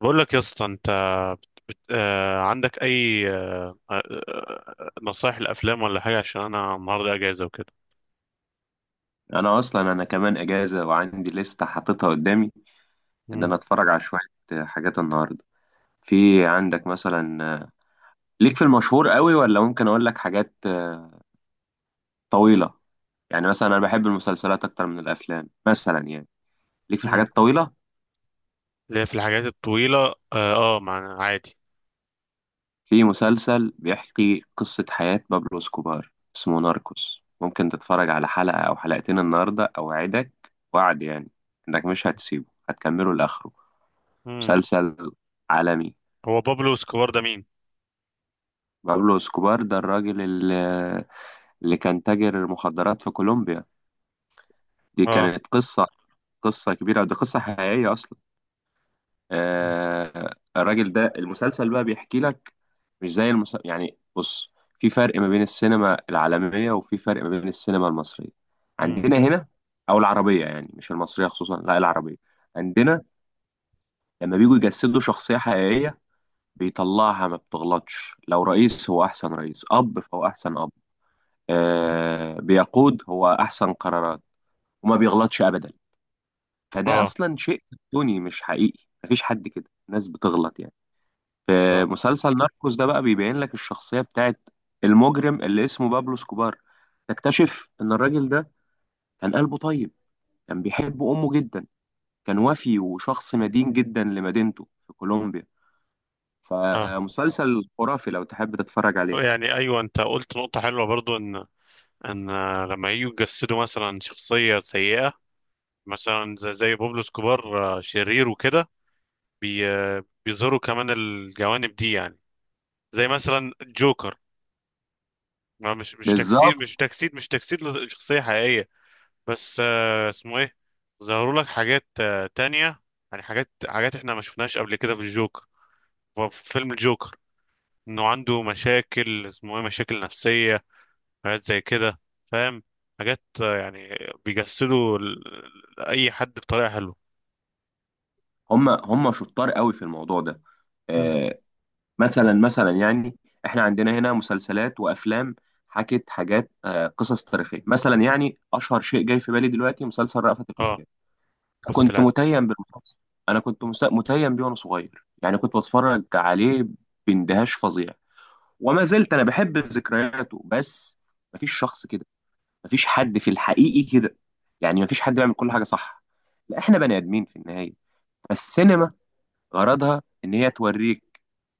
بقول لك يا اسطى انت. عندك اي نصايح الافلام ولا حاجه عشان انا النهارده اجازه وكده. انا اصلا انا كمان اجازه وعندي لسته حاططها قدامي. ان امم انا اتفرج على شويه حاجات النهارده. في عندك مثلا ليك في المشهور قوي، ولا ممكن اقول لك حاجات طويله؟ يعني مثلا انا بحب المسلسلات اكتر من الافلام مثلا يعني ليك في امم، الحاجات الطويله. اللي هي في الحاجات الطويله. عادي. في مسلسل بيحكي قصه حياه بابلو اسكوبار اسمه ناركوس، ممكن تتفرج على حلقه او حلقتين النهارده اوعدك، وعد يعني، انك مش هتسيبه هتكمله لاخره. امم. مسلسل عالمي. هو بابلو اسكوبار ده مين؟ بابلو اسكوبار ده الراجل اللي كان تاجر مخدرات في كولومبيا. دي اه. كانت قصة كبيرة، ودي قصة حقيقية أصلا. آه الراجل ده المسلسل بقى بيحكي لك، مش زي المسلسل يعني. بص، في فرق ما بين السينما العالمية، وفي فرق ما بين السينما المصرية امم. عندنا هنا، أو العربية يعني، مش المصرية خصوصا، لا العربية عندنا. لما بيجوا يجسدوا شخصية حقيقية بيطلعها ما بتغلطش، لو رئيس هو أحسن رئيس، أب فهو أحسن أب، بيقود هو احسن قرارات وما بيغلطش ابدا. فده اه. اصلا شيء كرتوني مش حقيقي. مفيش حد كده، الناس بتغلط يعني. في اه. مسلسل ناركوس ده بقى بيبين لك الشخصية بتاعت المجرم اللي اسمه بابلو سكوبار. تكتشف ان الراجل ده كان قلبه طيب، كان بيحب امه جدا، كان وفي، وشخص مدين جدا لمدينته في كولومبيا. اه. فمسلسل خرافي لو تحب تتفرج عليه. يعني ايوه، انت قلت نقطه حلوه برضو ان لما يجوا يجسدوا مثلا شخصيه سيئه، مثلا زي بابلو اسكوبار، آه، شرير وكده. بي... آه، بيظهروا كمان الجوانب دي يعني. زي مثلا جوكر، ما مش بالظبط. تجسيد مش تجسيد مش تجسيد لشخصية حقيقية. بس اسمه ايه، ظهروا لك حاجات تانية يعني. حاجات احنا ما شفناهاش قبل كده في الجوكر، في فيلم الجوكر، انه عنده مشاكل، اسمه ايه، مشاكل نفسية. حاجات زي كده، فاهم؟ حاجات يعني بيجسدوا اي حد بطريقة حلوه. هم شطار قوي في الموضوع ده. مم. آه، مثلا يعني احنا عندنا هنا مسلسلات وافلام حكت حاجات قصص تاريخيه مثلا، يعني اشهر شيء جاي في بالي دلوقتي مسلسل رأفت اه. الهجان. رأفت كنت الهجان. متيم بالمسلسل. انا كنت متيم بيه وانا صغير يعني، كنت بتفرج عليه باندهاش فظيع، وما زلت انا بحب ذكرياته. بس مفيش شخص كده، مفيش حد في الحقيقي كده، يعني مفيش حد بيعمل كل حاجه صح، لا احنا بني ادمين في النهايه. فالسينما غرضها ان هي توريك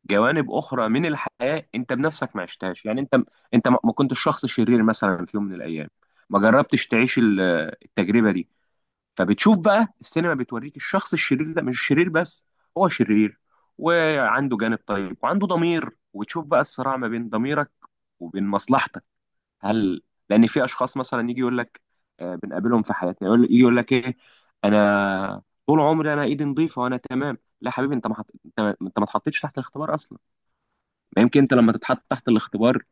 جوانب اخرى من الحياه انت بنفسك ما عشتهاش، يعني انت ما كنتش شخص شرير مثلا في يوم من الايام، ما جربتش تعيش التجربه دي. فبتشوف بقى السينما بتوريك الشخص الشرير ده مش شرير بس، هو شرير وعنده جانب طيب وعنده ضمير، وتشوف بقى الصراع ما بين ضميرك وبين مصلحتك. هل لان في اشخاص مثلا يجي يقول لك، بنقابلهم في حياتنا، يجي يقول لك ايه: انا طول عمري انا ايدي نظيفه وانا تمام. لا حبيبي، انت ما حط... انت ما اتحطيتش تحت الاختبار اصلا. ما يمكن انت لما تتحط تحت الاختبار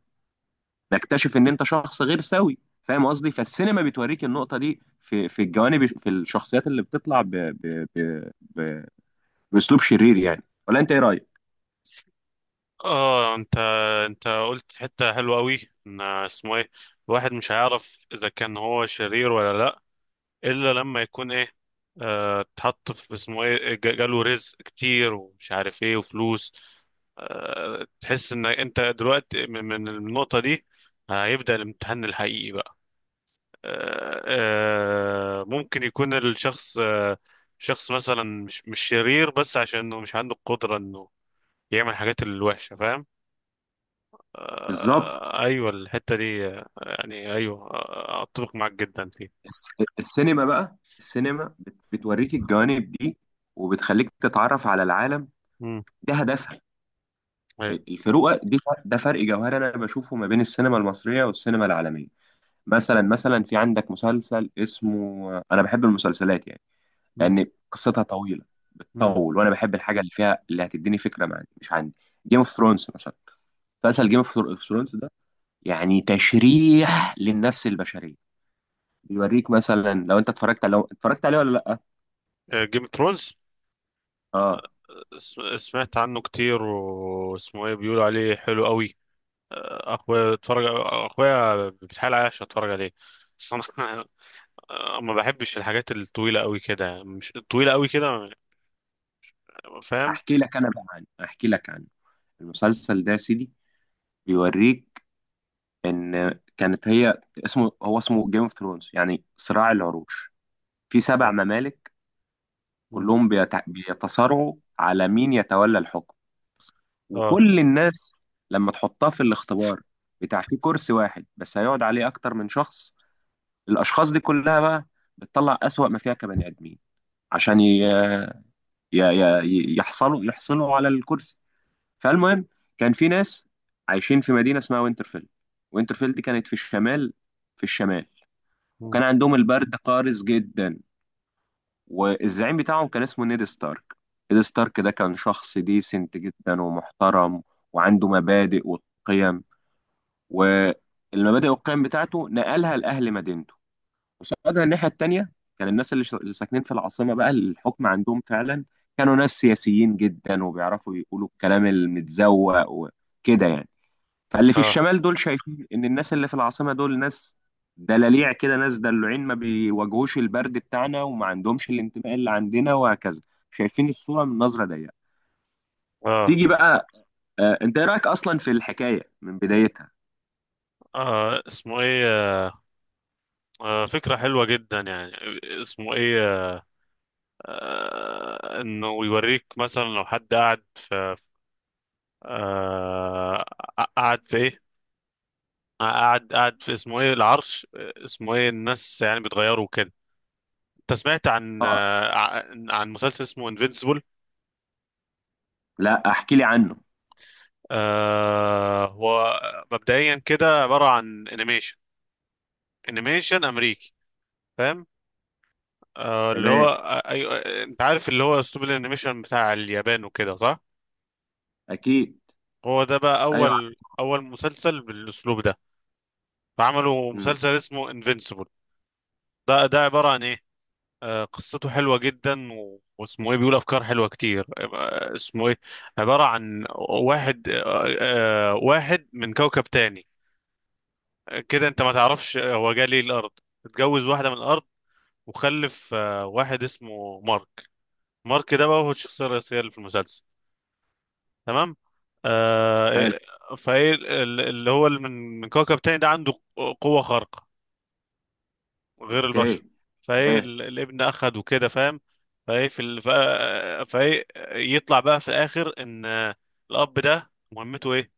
تكتشف ان انت شخص غير سوي. فاهم قصدي؟ فالسينما بتوريك النقطه دي في الجوانب، في الشخصيات اللي بتطلع باسلوب شرير يعني. ولا انت ايه رايك؟ اه. انت قلت حته حلوه قوي، ان اسمه ايه، الواحد مش هيعرف اذا كان هو شرير ولا لا الا لما يكون ايه، اه، اتحط في اسمه ايه، جاله رزق كتير ومش عارف ايه وفلوس. اه، تحس ان انت دلوقتي من النقطه دي هيبدا الامتحان الحقيقي بقى. اه اه، ممكن يكون الشخص اه، شخص مثلا مش شرير بس عشان انه مش عنده القدره انه يعمل حاجات الوحشه، فاهم؟ بالظبط. ايوه، الحته دي يعني ايوه، اتفق معاك جدا فيها. الس- السينما بقى السينما بتوريك الجوانب دي وبتخليك تتعرف على العالم. امم. ده هدفها. ايوه. الفروقه دي ده فرق جوهري انا بشوفه ما بين السينما المصريه والسينما العالميه. مثلا في عندك مسلسل اسمه، انا بحب المسلسلات يعني، لان قصتها طويله امم. بتطول، وانا بحب الحاجه اللي فيها، اللي هتديني فكره مع مش عندي. جيم اوف ثرونز مثلا. مسلسل جيم اوف ثرونز ده يعني تشريح للنفس البشريه، بيوريك مثلا. لو انت اتفرجت لو اتفرجت عليه ولا لا؟ جيم اوف ثرونز، اه سمعت عنه كتير، واسمه ايه، بيقولوا عليه حلو قوي. اخويا اتفرج، اخويا بيتحايل عليا عشان اتفرج عليه، بس انا ما بحبش الحاجات الطويله قوي كده، يعني مش طويله قوي كده، فاهم؟ احكي لك انا بقى عنه، احكي لك عنه. المسلسل ده يا سيدي بيوريك ان كانت هي، اسمه هو اسمه جيم اوف ثرونز يعني صراع العروش. في سبع أيوة. ممالك مم. كلهم بيتصارعوا على مين يتولى الحكم. اه. وكل الناس لما تحطها في الاختبار بتاع، في كرسي واحد بس هيقعد عليه اكتر من شخص، الاشخاص دي كلها بقى بتطلع اسوأ ما فيها كبني ادمين عشان ي... ي... ي... يحصلوا يحصلوا على الكرسي. فالمهم، كان في ناس عايشين في مدينة اسمها وينترفيل. وينترفيل دي كانت في الشمال، في الشمال. مم. وكان عندهم البرد قارس جدا، والزعيم بتاعهم كان اسمه نيد ستارك. نيد ستارك ده كان شخص ديسنت جدا ومحترم، وعنده مبادئ وقيم، والمبادئ والقيم بتاعته نقلها لأهل مدينته. قصادها الناحية التانية، كان الناس اللي ساكنين في العاصمة، بقى الحكم عندهم فعلا، كانوا ناس سياسيين جدا وبيعرفوا يقولوا الكلام المتزوق وكده يعني. فاللي في اه. الشمال دول شايفين ان الناس اللي في العاصمه دول ناس دلاليع كده، ناس دلوعين ما بيواجهوش البرد بتاعنا، وما عندهمش الانتماء اللي عندنا، وهكذا. شايفين الصوره من نظره ضيقه. اه. تيجي بقى، آه انت ايه رايك اصلا في الحكايه من بدايتها؟ اسمه ايه، فكرة حلوة جدا يعني. اسمه ايه، انه يوريك مثلا لو حد قاعد في آه، قاعد في ايه، قاعد في اسمه ايه، العرش، اسمه ايه، الناس يعني بتغيروا كده. انت سمعت عن اه. عن مسلسل اسمه انفينسيبل؟ لا احكي لي عنه. آه، هو مبدئيا كده عبارة عن انيميشن، انيميشن امريكي، فاهم؟ اللي هو تمام. أيوة، انت عارف، اللي هو اسلوب الانيميشن بتاع اليابان وكده، صح؟ اكيد. هو ده بقى ايوه. اول مسلسل بالاسلوب ده، فعملوا امم. مسلسل اسمه انفينسيبل. ده ده عبارة عن ايه، آه، قصته حلوة جدا واسمه ايه، بيقول افكار حلوة كتير، آه اسمه ايه، عبارة عن واحد آه، آه واحد من كوكب تاني، كده انت ما تعرفش هو جه ليه الارض، اتجوز واحدة من الارض وخلف آه واحد اسمه مارك. مارك ده بقى هو الشخصية الرئيسية اللي في المسلسل، تمام؟ آه حلو. إيه- فايه اللي هو اللي من كوكب تاني ده عنده قوة خارقة غير البشر. اوكي. فايه تمام. الابن اخد وكده، فاهم؟ فايه في فايه يطلع بقى في الاخر ان الاب ده مهمته ايه،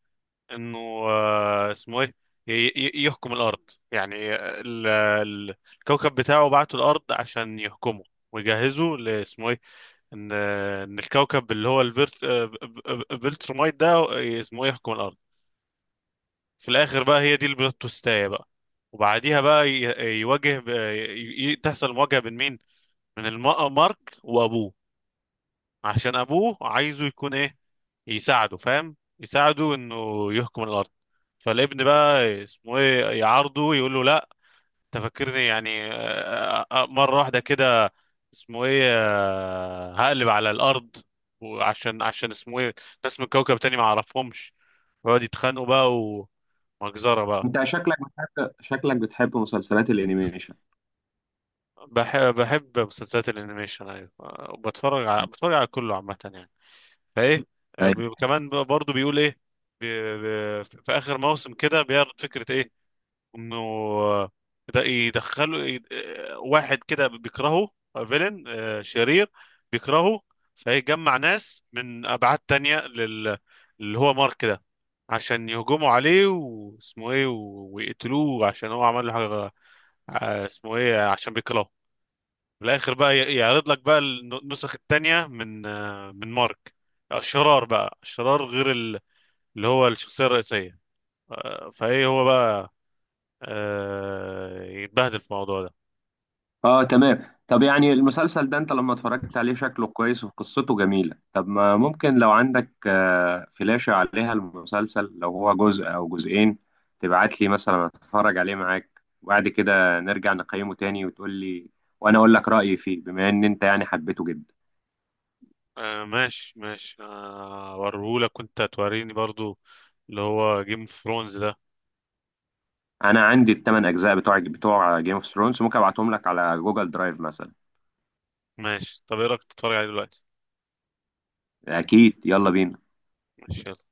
انه اسمه ايه، يحكم الارض، يعني الكوكب بتاعه بعته الارض عشان يحكمه، ويجهزه لاسمه ايه، ان ان الكوكب اللي هو الفيرت بلترمايت ده، اسمه ايه، يحكم الارض. في الاخر بقى هي دي البلوت تويستاية بقى، وبعديها بقى يواجه تحصل مواجهة بين مين، من مارك وابوه، عشان ابوه عايزه يكون ايه، يساعده، فاهم؟ يساعده انه يحكم الارض. فالابن بقى اسمه ايه، يعارضه، يقول له لا، انت فاكرني يعني مره واحده كده اسمه ايه هقلب على الارض، وعشان اسمه ايه، ناس من كوكب تاني ما اعرفهمش، ويقعد يتخانقوا بقى، ومجزره بقى. انت شكلك بتحب شكلك بتحب مسلسلات الانيميشن؟ بحب مسلسلات الانيميشن، ايوه، بتفرج على بتفرج على كله عامه يعني. فايه، طيب. بي... كمان برضه بيقول ايه، في اخر موسم كده بيعرض فكره ايه، انه ده يدخلوا واحد كده بيكرهه، فيلن، شرير، بيكرهه، فيجمع ناس من ابعاد تانية اللي هو مارك ده، عشان يهجموا عليه واسمه ايه ويقتلوه عشان هو عمل له حاجه، اسمه ايه، عشان بيكرهه. في الاخر بقى يعرض لك بقى النسخ التانية من من مارك، الشرار بقى، الشرار غير اللي هو الشخصية الرئيسية. فايه هو بقى يتبهدل في الموضوع ده. اه تمام. طب يعني المسلسل ده انت لما اتفرجت عليه شكله كويس وقصته جميلة، طب ما ممكن لو عندك فلاشة عليها المسلسل لو هو جزء او جزئين تبعت لي مثلا اتفرج عليه معاك، وبعد كده نرجع نقيمه تاني وتقول لي وانا اقول لك رأيي فيه، بما ان انت يعني حبيته جدا. آه ماشي ماشي، آه وريهولك وانت توريني برضو اللي هو جيم اوف ثرونز ده. انا عندي الثمان اجزاء بتوع جيم اوف ثرونز، ممكن ابعتهم لك على جوجل درايف مثلا. ماشي، طب ايه رأيك تتفرج عليه دلوقتي؟ اكيد، يلا بينا. ماشي.